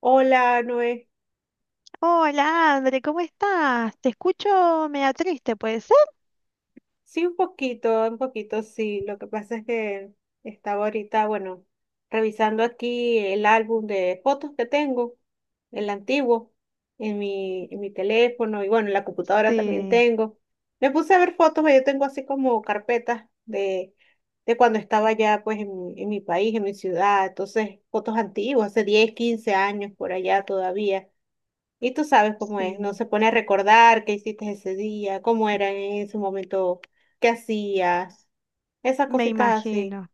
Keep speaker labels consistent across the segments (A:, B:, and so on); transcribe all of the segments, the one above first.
A: Hola, Noé.
B: Hola, André, ¿cómo estás? Te escucho media triste, ¿puede ser?
A: Sí, un poquito, sí. Lo que pasa es que estaba ahorita, bueno, revisando aquí el álbum de fotos que tengo, el antiguo, en mi teléfono y bueno, en la computadora también
B: Sí,
A: tengo. Me puse a ver fotos, yo tengo así como carpetas de cuando estaba ya pues en mi país, en mi ciudad. Entonces, fotos antiguas, hace 10, 15 años por allá todavía. Y tú sabes cómo es, no
B: sí.
A: se pone a recordar qué hiciste ese día, cómo era en ese momento, qué hacías, esas
B: Me
A: cositas así.
B: imagino,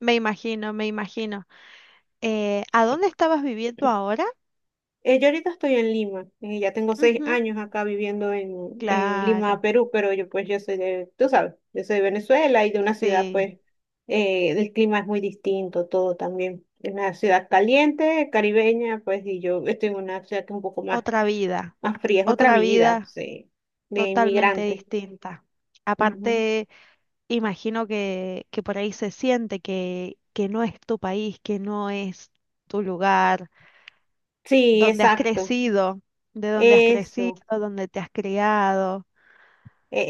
B: me imagino, me imagino. ¿A dónde estabas viviendo ahora?
A: Yo ahorita estoy en Lima, ya tengo 6
B: Ujú,
A: años acá viviendo en Lima,
B: claro,
A: Perú, pero yo pues yo soy de, tú sabes, yo soy de Venezuela y de una ciudad
B: sí.
A: pues el clima es muy distinto, todo también. Es una ciudad caliente, caribeña, pues y yo estoy en una ciudad que es un poco más,
B: Otra vida,
A: fría, es otra
B: otra
A: vida,
B: vida
A: sí, de
B: totalmente
A: inmigrante.
B: distinta.
A: Ujú.
B: Aparte, imagino que por ahí se siente que no es tu país, que no es tu lugar
A: Sí,
B: donde has
A: exacto.
B: crecido, de donde has crecido,
A: Eso,
B: donde te has criado.
A: e-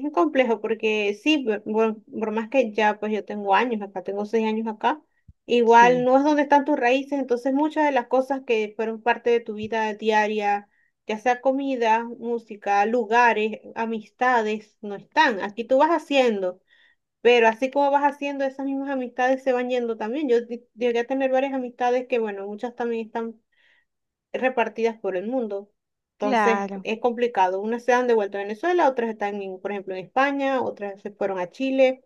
A: es complejo porque sí, más que ya pues yo tengo años acá, tengo 6 años acá, igual
B: Sí,
A: no es donde están tus raíces, entonces muchas de las cosas que fueron parte de tu vida diaria, ya sea comida, música, lugares, amistades, no están. Aquí tú vas haciendo, pero así como vas haciendo, esas mismas amistades se van yendo también. Llegué a tener varias amistades que, bueno, muchas también están repartidas por el mundo. Entonces
B: claro.
A: es complicado. Unas se han devuelto a Venezuela, otras están, en, por ejemplo, en España, otras se fueron a Chile.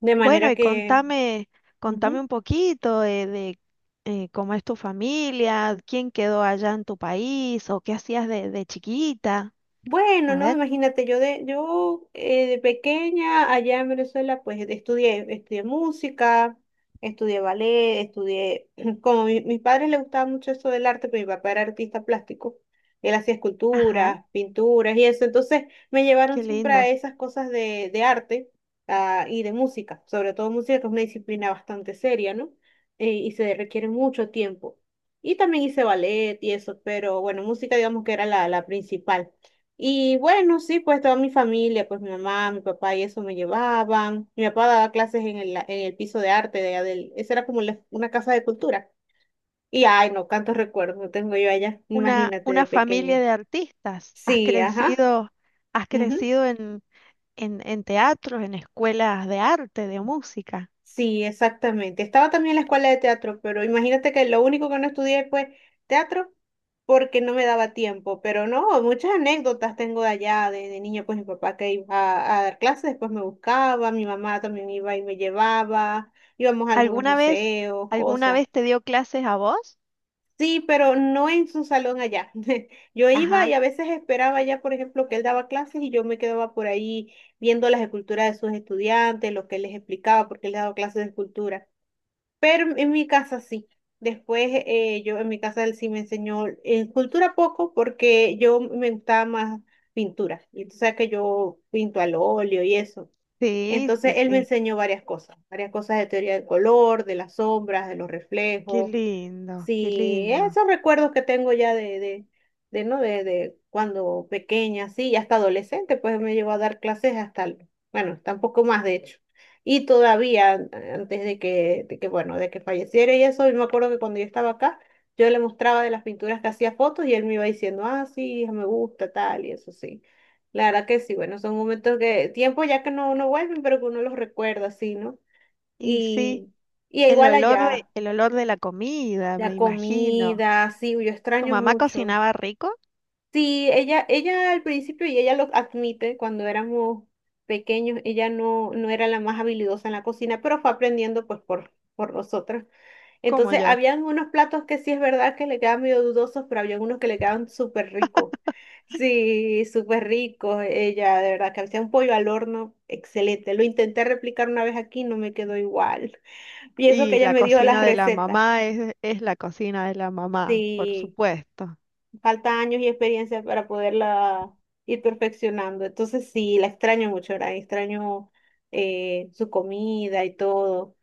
A: De
B: Bueno,
A: manera
B: y
A: que
B: contame, contame
A: ujú.
B: un poquito cómo es tu familia, quién quedó allá en tu país o qué hacías de chiquita.
A: Bueno,
B: A
A: no,
B: ver,
A: imagínate, yo de pequeña allá en Venezuela, pues estudié, música, estudié ballet, estudié, como mis padres les gustaba mucho eso del arte, pero mi papá era artista plástico, él hacía
B: ajá,
A: esculturas, pinturas y eso, entonces me llevaron
B: qué
A: siempre a
B: lindo.
A: esas cosas de arte, ah, y de música, sobre todo música, que es una disciplina bastante seria, ¿no? Y se requiere mucho tiempo. Y también hice ballet y eso, pero bueno, música digamos que era la principal. Y bueno, sí, pues toda mi familia, pues mi mamá, mi papá y eso me llevaban. Mi papá daba clases en el piso de arte de allá del, esa era como una casa de cultura. Y ay, no, tantos recuerdos tengo yo allá, imagínate
B: Una
A: de
B: familia
A: pequeña.
B: de artistas.
A: Sí, ajá.
B: Has crecido en, en teatros, en escuelas de arte, de música.
A: Sí, exactamente. Estaba también en la escuela de teatro, pero imagínate que lo único que no estudié fue teatro porque no me daba tiempo. Pero no, muchas anécdotas tengo de allá, de niña, pues mi papá que iba a dar clases, después me buscaba, mi mamá también iba y me llevaba, íbamos a algunos
B: ¿Alguna vez,
A: museos,
B: alguna
A: cosas.
B: vez te dio clases a vos?
A: Sí, pero no en su salón allá. Yo iba y
B: Ajá,
A: a veces esperaba ya, por ejemplo, que él daba clases y yo me quedaba por ahí viendo las esculturas de sus estudiantes, lo que él les explicaba, porque él daba clases de escultura. Pero en mi casa sí. Después yo en mi casa él sí me enseñó en cultura poco porque yo me gustaba más pintura. Y tú sabes que yo pinto al óleo y eso.
B: sí,
A: Entonces
B: sí,
A: él me
B: sí.
A: enseñó varias cosas de teoría del color, de las sombras, de los
B: Qué
A: reflejos,
B: lindo, qué
A: sí,
B: lindo.
A: esos recuerdos que tengo ya ¿no? De cuando pequeña, sí, y hasta adolescente, pues me llevó a dar clases hasta, bueno, tampoco más de hecho. Y todavía, antes bueno, de que falleciera y eso, yo me acuerdo que cuando yo estaba acá, yo le mostraba de las pinturas que hacía fotos y él me iba diciendo, ah, sí, hija, me gusta, tal, y eso sí. La verdad que sí, bueno, son momentos que, tiempo ya que no vuelven, pero que uno los recuerda, sí, ¿no?
B: Y sí,
A: Y, y igual allá.
B: el olor de la comida, me
A: La
B: imagino.
A: comida, sí, yo
B: Tu
A: extraño
B: mamá
A: mucho.
B: cocinaba rico,
A: Sí, ella al principio, y ella lo admite, cuando éramos pequeños, ella no era la más habilidosa en la cocina, pero fue aprendiendo pues por nosotros.
B: como
A: Entonces,
B: yo.
A: habían unos platos que sí es verdad que le quedaban medio dudosos, pero había unos que le quedaban súper ricos. Sí, súper ricos. Ella, de verdad, que hacía un pollo al horno, excelente. Lo intenté replicar una vez aquí, no me quedó igual. Y eso que
B: Y
A: ella
B: la
A: me dio las
B: cocina de la
A: recetas.
B: mamá es la cocina de la mamá, por
A: Sí.
B: supuesto.
A: Falta años y experiencia para poderla ir perfeccionando. Entonces sí, la extraño mucho, ¿verdad? Extraño su comida y todo.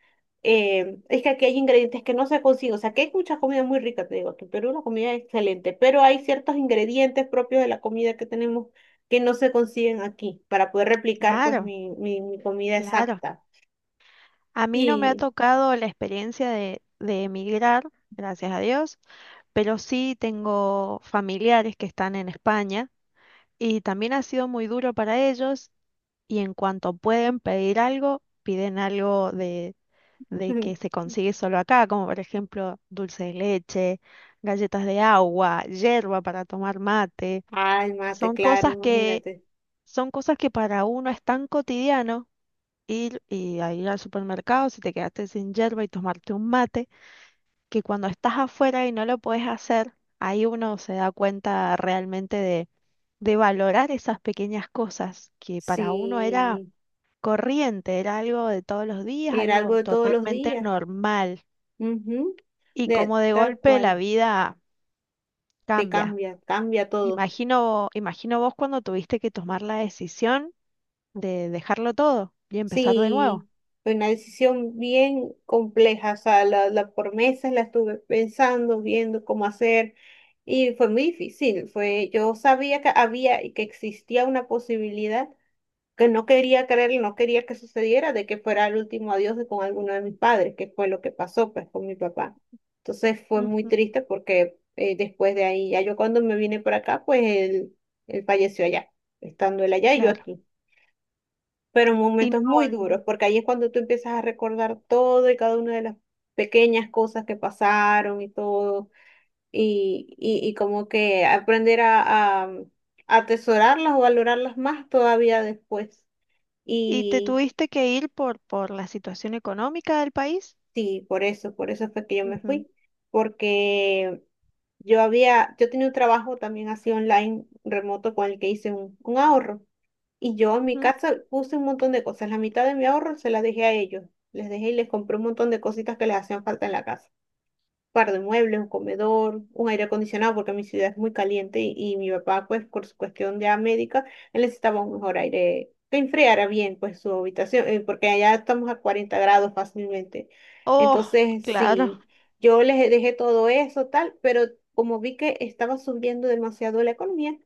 A: Es que aquí hay ingredientes que no se consiguen. O sea, que hay muchas comidas muy ricas, te digo, aquí en Perú la comida es excelente, pero hay ciertos ingredientes propios de la comida que tenemos que no se consiguen aquí para poder replicar pues
B: Claro,
A: mi comida
B: claro.
A: exacta.
B: A mí no me ha
A: Y,
B: tocado la experiencia de emigrar, gracias a Dios, pero sí tengo familiares que están en España y también ha sido muy duro para ellos y en cuanto pueden pedir algo, piden algo de que se consigue solo acá, como por ejemplo dulce de leche, galletas de agua, yerba para tomar mate.
A: ay, mate,
B: Son
A: claro,
B: cosas que,
A: imagínate.
B: son cosas que para uno es tan cotidiano ir y a ir al supermercado si te quedaste sin yerba y tomarte un mate, que cuando estás afuera y no lo puedes hacer, ahí uno se da cuenta realmente de valorar esas pequeñas cosas que para uno era
A: Sí,
B: corriente, era algo de todos los días,
A: era algo
B: algo
A: de todos los
B: totalmente
A: días.
B: normal.
A: Ujú.
B: Y como de
A: Tal
B: golpe la
A: cual,
B: vida
A: te
B: cambia.
A: cambia, cambia todo.
B: Imagino, imagino vos cuando tuviste que tomar la decisión de dejarlo todo y empezar de nuevo.
A: Sí, fue una decisión bien compleja, o sea, la por meses la estuve pensando, viendo cómo hacer, y fue muy difícil, fue, yo sabía que había y que existía una posibilidad, que no quería creer y no quería que sucediera de que fuera el último adiós de con alguno de mis padres, que fue lo que pasó pues con mi papá. Entonces fue muy
B: Ujú,
A: triste porque después de ahí, ya yo cuando me vine para acá, pues él falleció allá, estando él allá y yo
B: claro.
A: aquí. Pero
B: Y
A: momentos muy
B: no,
A: duros, porque ahí es cuando tú empiezas a recordar todo y cada una de las pequeñas cosas que pasaron y todo, y como que aprender a, a atesorarlas o valorarlas más todavía después.
B: y te
A: Y,
B: tuviste que ir por la situación económica del país.
A: Sí, por eso fue que yo me
B: Ujú,
A: fui, porque yo había, yo tenía un trabajo también así online, remoto, con el que hice un ahorro. Y yo en mi
B: ujú.
A: casa puse un montón de cosas, la mitad de mi ahorro se la dejé a ellos, les les les y les compré un montón de cositas que les hacían falta en la casa, par de muebles, un comedor, un aire acondicionado, porque mi ciudad es muy caliente y mi papá, pues, por su cuestión de médica, él necesitaba un mejor aire que enfriara bien, pues, su habitación, porque allá estamos a 40 grados fácilmente.
B: Oh,
A: Entonces,
B: claro.
A: sí, yo les dejé todo eso, tal, pero como vi que estaba subiendo demasiado la economía,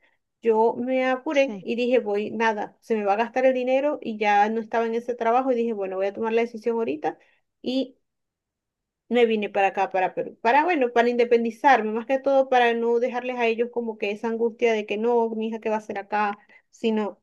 A: yo me apuré
B: Sí,
A: y dije, voy, nada, se me va a gastar el dinero y ya no estaba en ese trabajo y dije, bueno, voy a tomar la decisión ahorita y me vine para acá, para Perú, para, bueno, para independizarme, más que todo para no dejarles a ellos como que esa angustia de que no, mi hija, ¿qué va a hacer acá? Sino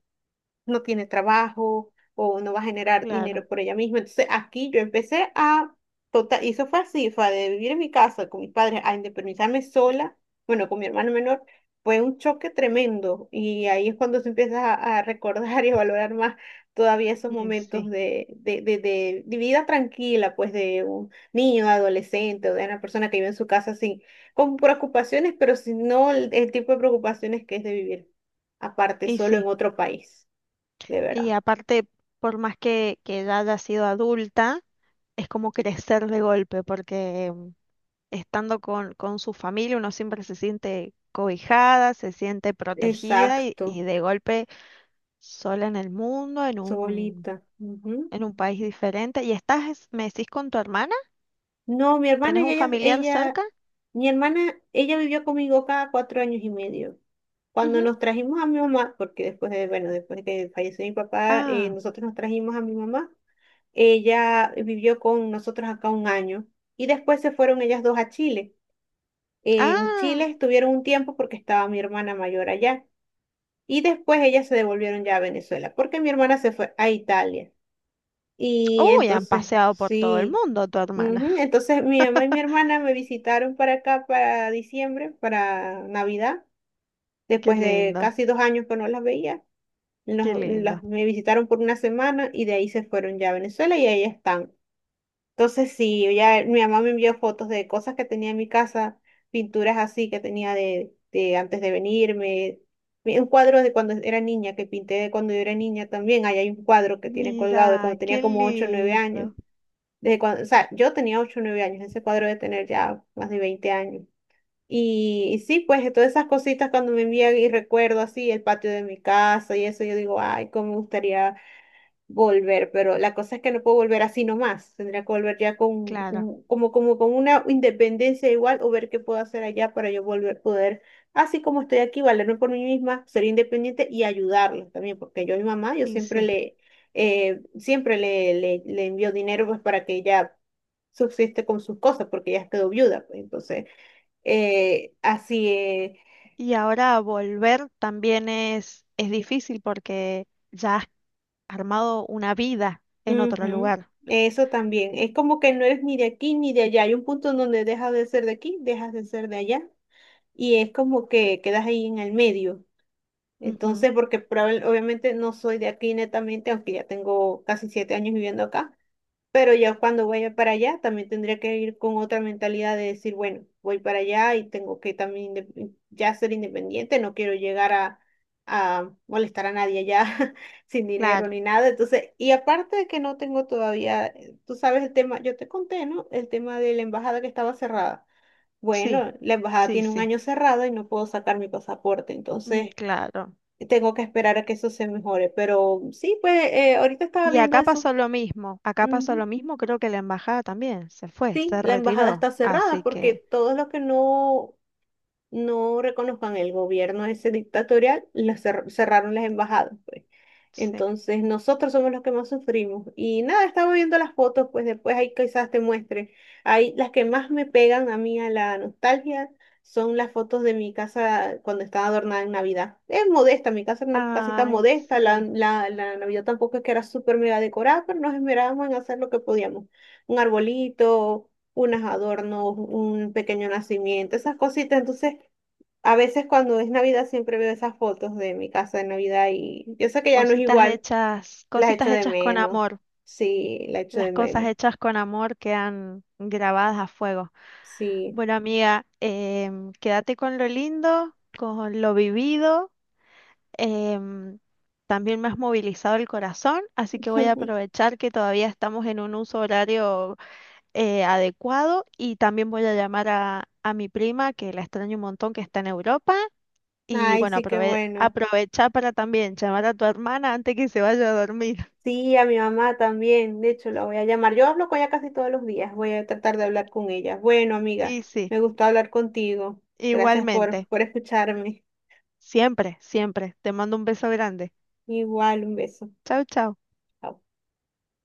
A: no tiene trabajo o no va a generar
B: claro.
A: dinero por ella misma. Entonces aquí yo empecé a, total, y eso fue así, fue de vivir en mi casa con mis padres a independizarme sola, bueno, con mi hermano menor, fue un choque tremendo y ahí es cuando se empieza a recordar y a valorar más todavía esos
B: Y
A: momentos
B: sí,
A: de vida tranquila, pues de un niño, adolescente o de una persona que vive en su casa sin, con preocupaciones, pero si no el tipo de preocupaciones que es de vivir aparte,
B: y
A: solo en
B: sí.
A: otro país de
B: Y
A: verdad.
B: aparte, por más que ya haya sido adulta, es como crecer de golpe, porque estando con su familia uno siempre se siente cobijada, se siente protegida y
A: Exacto,
B: de golpe sola en el mundo,
A: solita. Ujú.
B: en un país diferente. ¿Y estás, me decís, con tu hermana?
A: No,
B: ¿Tenés un familiar cerca?
A: mi hermana, ella vivió conmigo cada 4 años y medio. Cuando
B: Ujú.
A: nos trajimos a mi mamá, porque después de que falleció mi papá,
B: Ah,
A: nosotros nos trajimos a mi mamá. Ella vivió con nosotros acá un año y después se fueron ellas dos a Chile. En Chile
B: ah,
A: estuvieron un tiempo porque estaba mi hermana mayor allá y después ellas se devolvieron ya a Venezuela porque mi hermana se fue a Italia. Y
B: uy, han
A: entonces,
B: paseado por todo el
A: sí.
B: mundo tu hermana.
A: Ujú. Entonces mi mamá y mi hermana me visitaron para acá para diciembre, para Navidad,
B: Qué
A: después de
B: lindo,
A: casi 2 años que no las veía.
B: qué
A: Nos-
B: lindo.
A: las, me visitaron por una semana y de ahí se fueron ya a Venezuela y ahí están. Entonces sí, ya mi mamá me envió fotos de cosas que tenía en mi casa, pinturas así que tenía de antes de venirme. Mi- Un cuadro de cuando era niña, que pinté de cuando yo era niña también. Ahí hay un cuadro que tiene colgado de
B: Mira,
A: cuando tenía
B: qué
A: como 8 o 9 años.
B: lindo.
A: De cuando, o sea, yo tenía 8 o 9 años, ese cuadro de tener ya más de 20 años. Y sí, pues todas esas cositas cuando me envían y recuerdo así el patio de mi casa y eso, yo digo, ay, cómo me gustaría volver, pero la cosa es que no puedo volver así nomás, tendría que volver ya con
B: Claro,
A: un- como, como con una independencia igual o ver qué puedo hacer allá para yo volver, poder, así como estoy aquí, valerme por mí misma, ser independiente y ayudarlos también, porque yo a mi mamá, yo
B: y sí.
A: le envío dinero pues para que ella subsiste con sus cosas porque ya quedó viuda, pues entonces, así es.
B: Y ahora volver también es difícil porque ya has armado una vida en otro
A: Ujú.
B: lugar.
A: Eso también, es como que no eres ni de aquí ni de allá, hay un punto en donde dejas de ser de aquí, dejas de ser de allá y es como que quedas ahí en el medio.
B: Ujú,
A: Entonces, porque probable- obviamente no soy de aquí netamente, aunque ya tengo casi 7 años viviendo acá, pero ya cuando vaya para allá, también tendría que ir con otra mentalidad de decir, bueno, voy para allá y tengo que también inde- ya ser independiente, no quiero llegar a, molestar a nadie allá sin dinero
B: claro,
A: ni nada. Entonces, y aparte de que no tengo todavía, tú sabes el tema, yo te conté, ¿no? El tema de la embajada que estaba cerrada.
B: sí,
A: Bueno, la embajada
B: sí,
A: tiene un
B: sí,
A: año cerrada y no puedo sacar mi pasaporte,
B: mm,
A: entonces
B: claro.
A: tengo que esperar a que eso se mejore. Pero sí, pues ahorita estaba
B: Y
A: viendo
B: acá
A: eso.
B: pasó lo mismo, acá pasó
A: Ujú.
B: lo mismo, creo que la embajada también se fue,
A: Sí,
B: se
A: la embajada
B: retiró,
A: está cerrada
B: así
A: porque
B: que
A: todos los que no reconozcan el gobierno ese dictatorial, la cerraron las embajadas, pues.
B: sí.
A: Entonces nosotros somos los que más sufrimos. Y nada, estaba viendo las fotos, pues después ahí quizás te muestre. Ahí las que más me pegan a mí a la nostalgia son las fotos de mi casa cuando estaba adornada en Navidad. Es modesta, mi casa era una casita
B: Ay,
A: modesta,
B: sí,
A: la Navidad tampoco es que era súper mega decorada, pero nos esmerábamos en hacer lo que podíamos. Un arbolito, unos adornos, un pequeño nacimiento, esas cositas. Entonces, a veces cuando es Navidad siempre veo esas fotos de mi casa de Navidad y yo sé que ya no es igual, las echo
B: cositas
A: de
B: hechas con
A: menos.
B: amor,
A: Sí, la echo
B: las
A: de
B: cosas
A: menos.
B: hechas con amor quedan grabadas a fuego.
A: Sí.
B: Bueno, amiga, quédate con lo lindo, con lo vivido. em, También me has movilizado el corazón, así que voy a aprovechar que todavía estamos en un uso horario adecuado y también voy a llamar a mi prima, que la extraño un montón, que está en Europa. Y
A: Ay,
B: bueno,
A: sí, qué bueno.
B: aprovecha para también llamar a tu hermana antes que se vaya a dormir.
A: Sí, a mi mamá también. De hecho, la voy a llamar. Yo hablo con ella casi todos los días. Voy a tratar de hablar con ella. Bueno, amiga,
B: Y sí,
A: me gustó hablar contigo. Gracias
B: igualmente,
A: por escucharme.
B: siempre, siempre. Te mando un beso grande.
A: Igual, un beso.
B: Chau, chau.
A: Chao.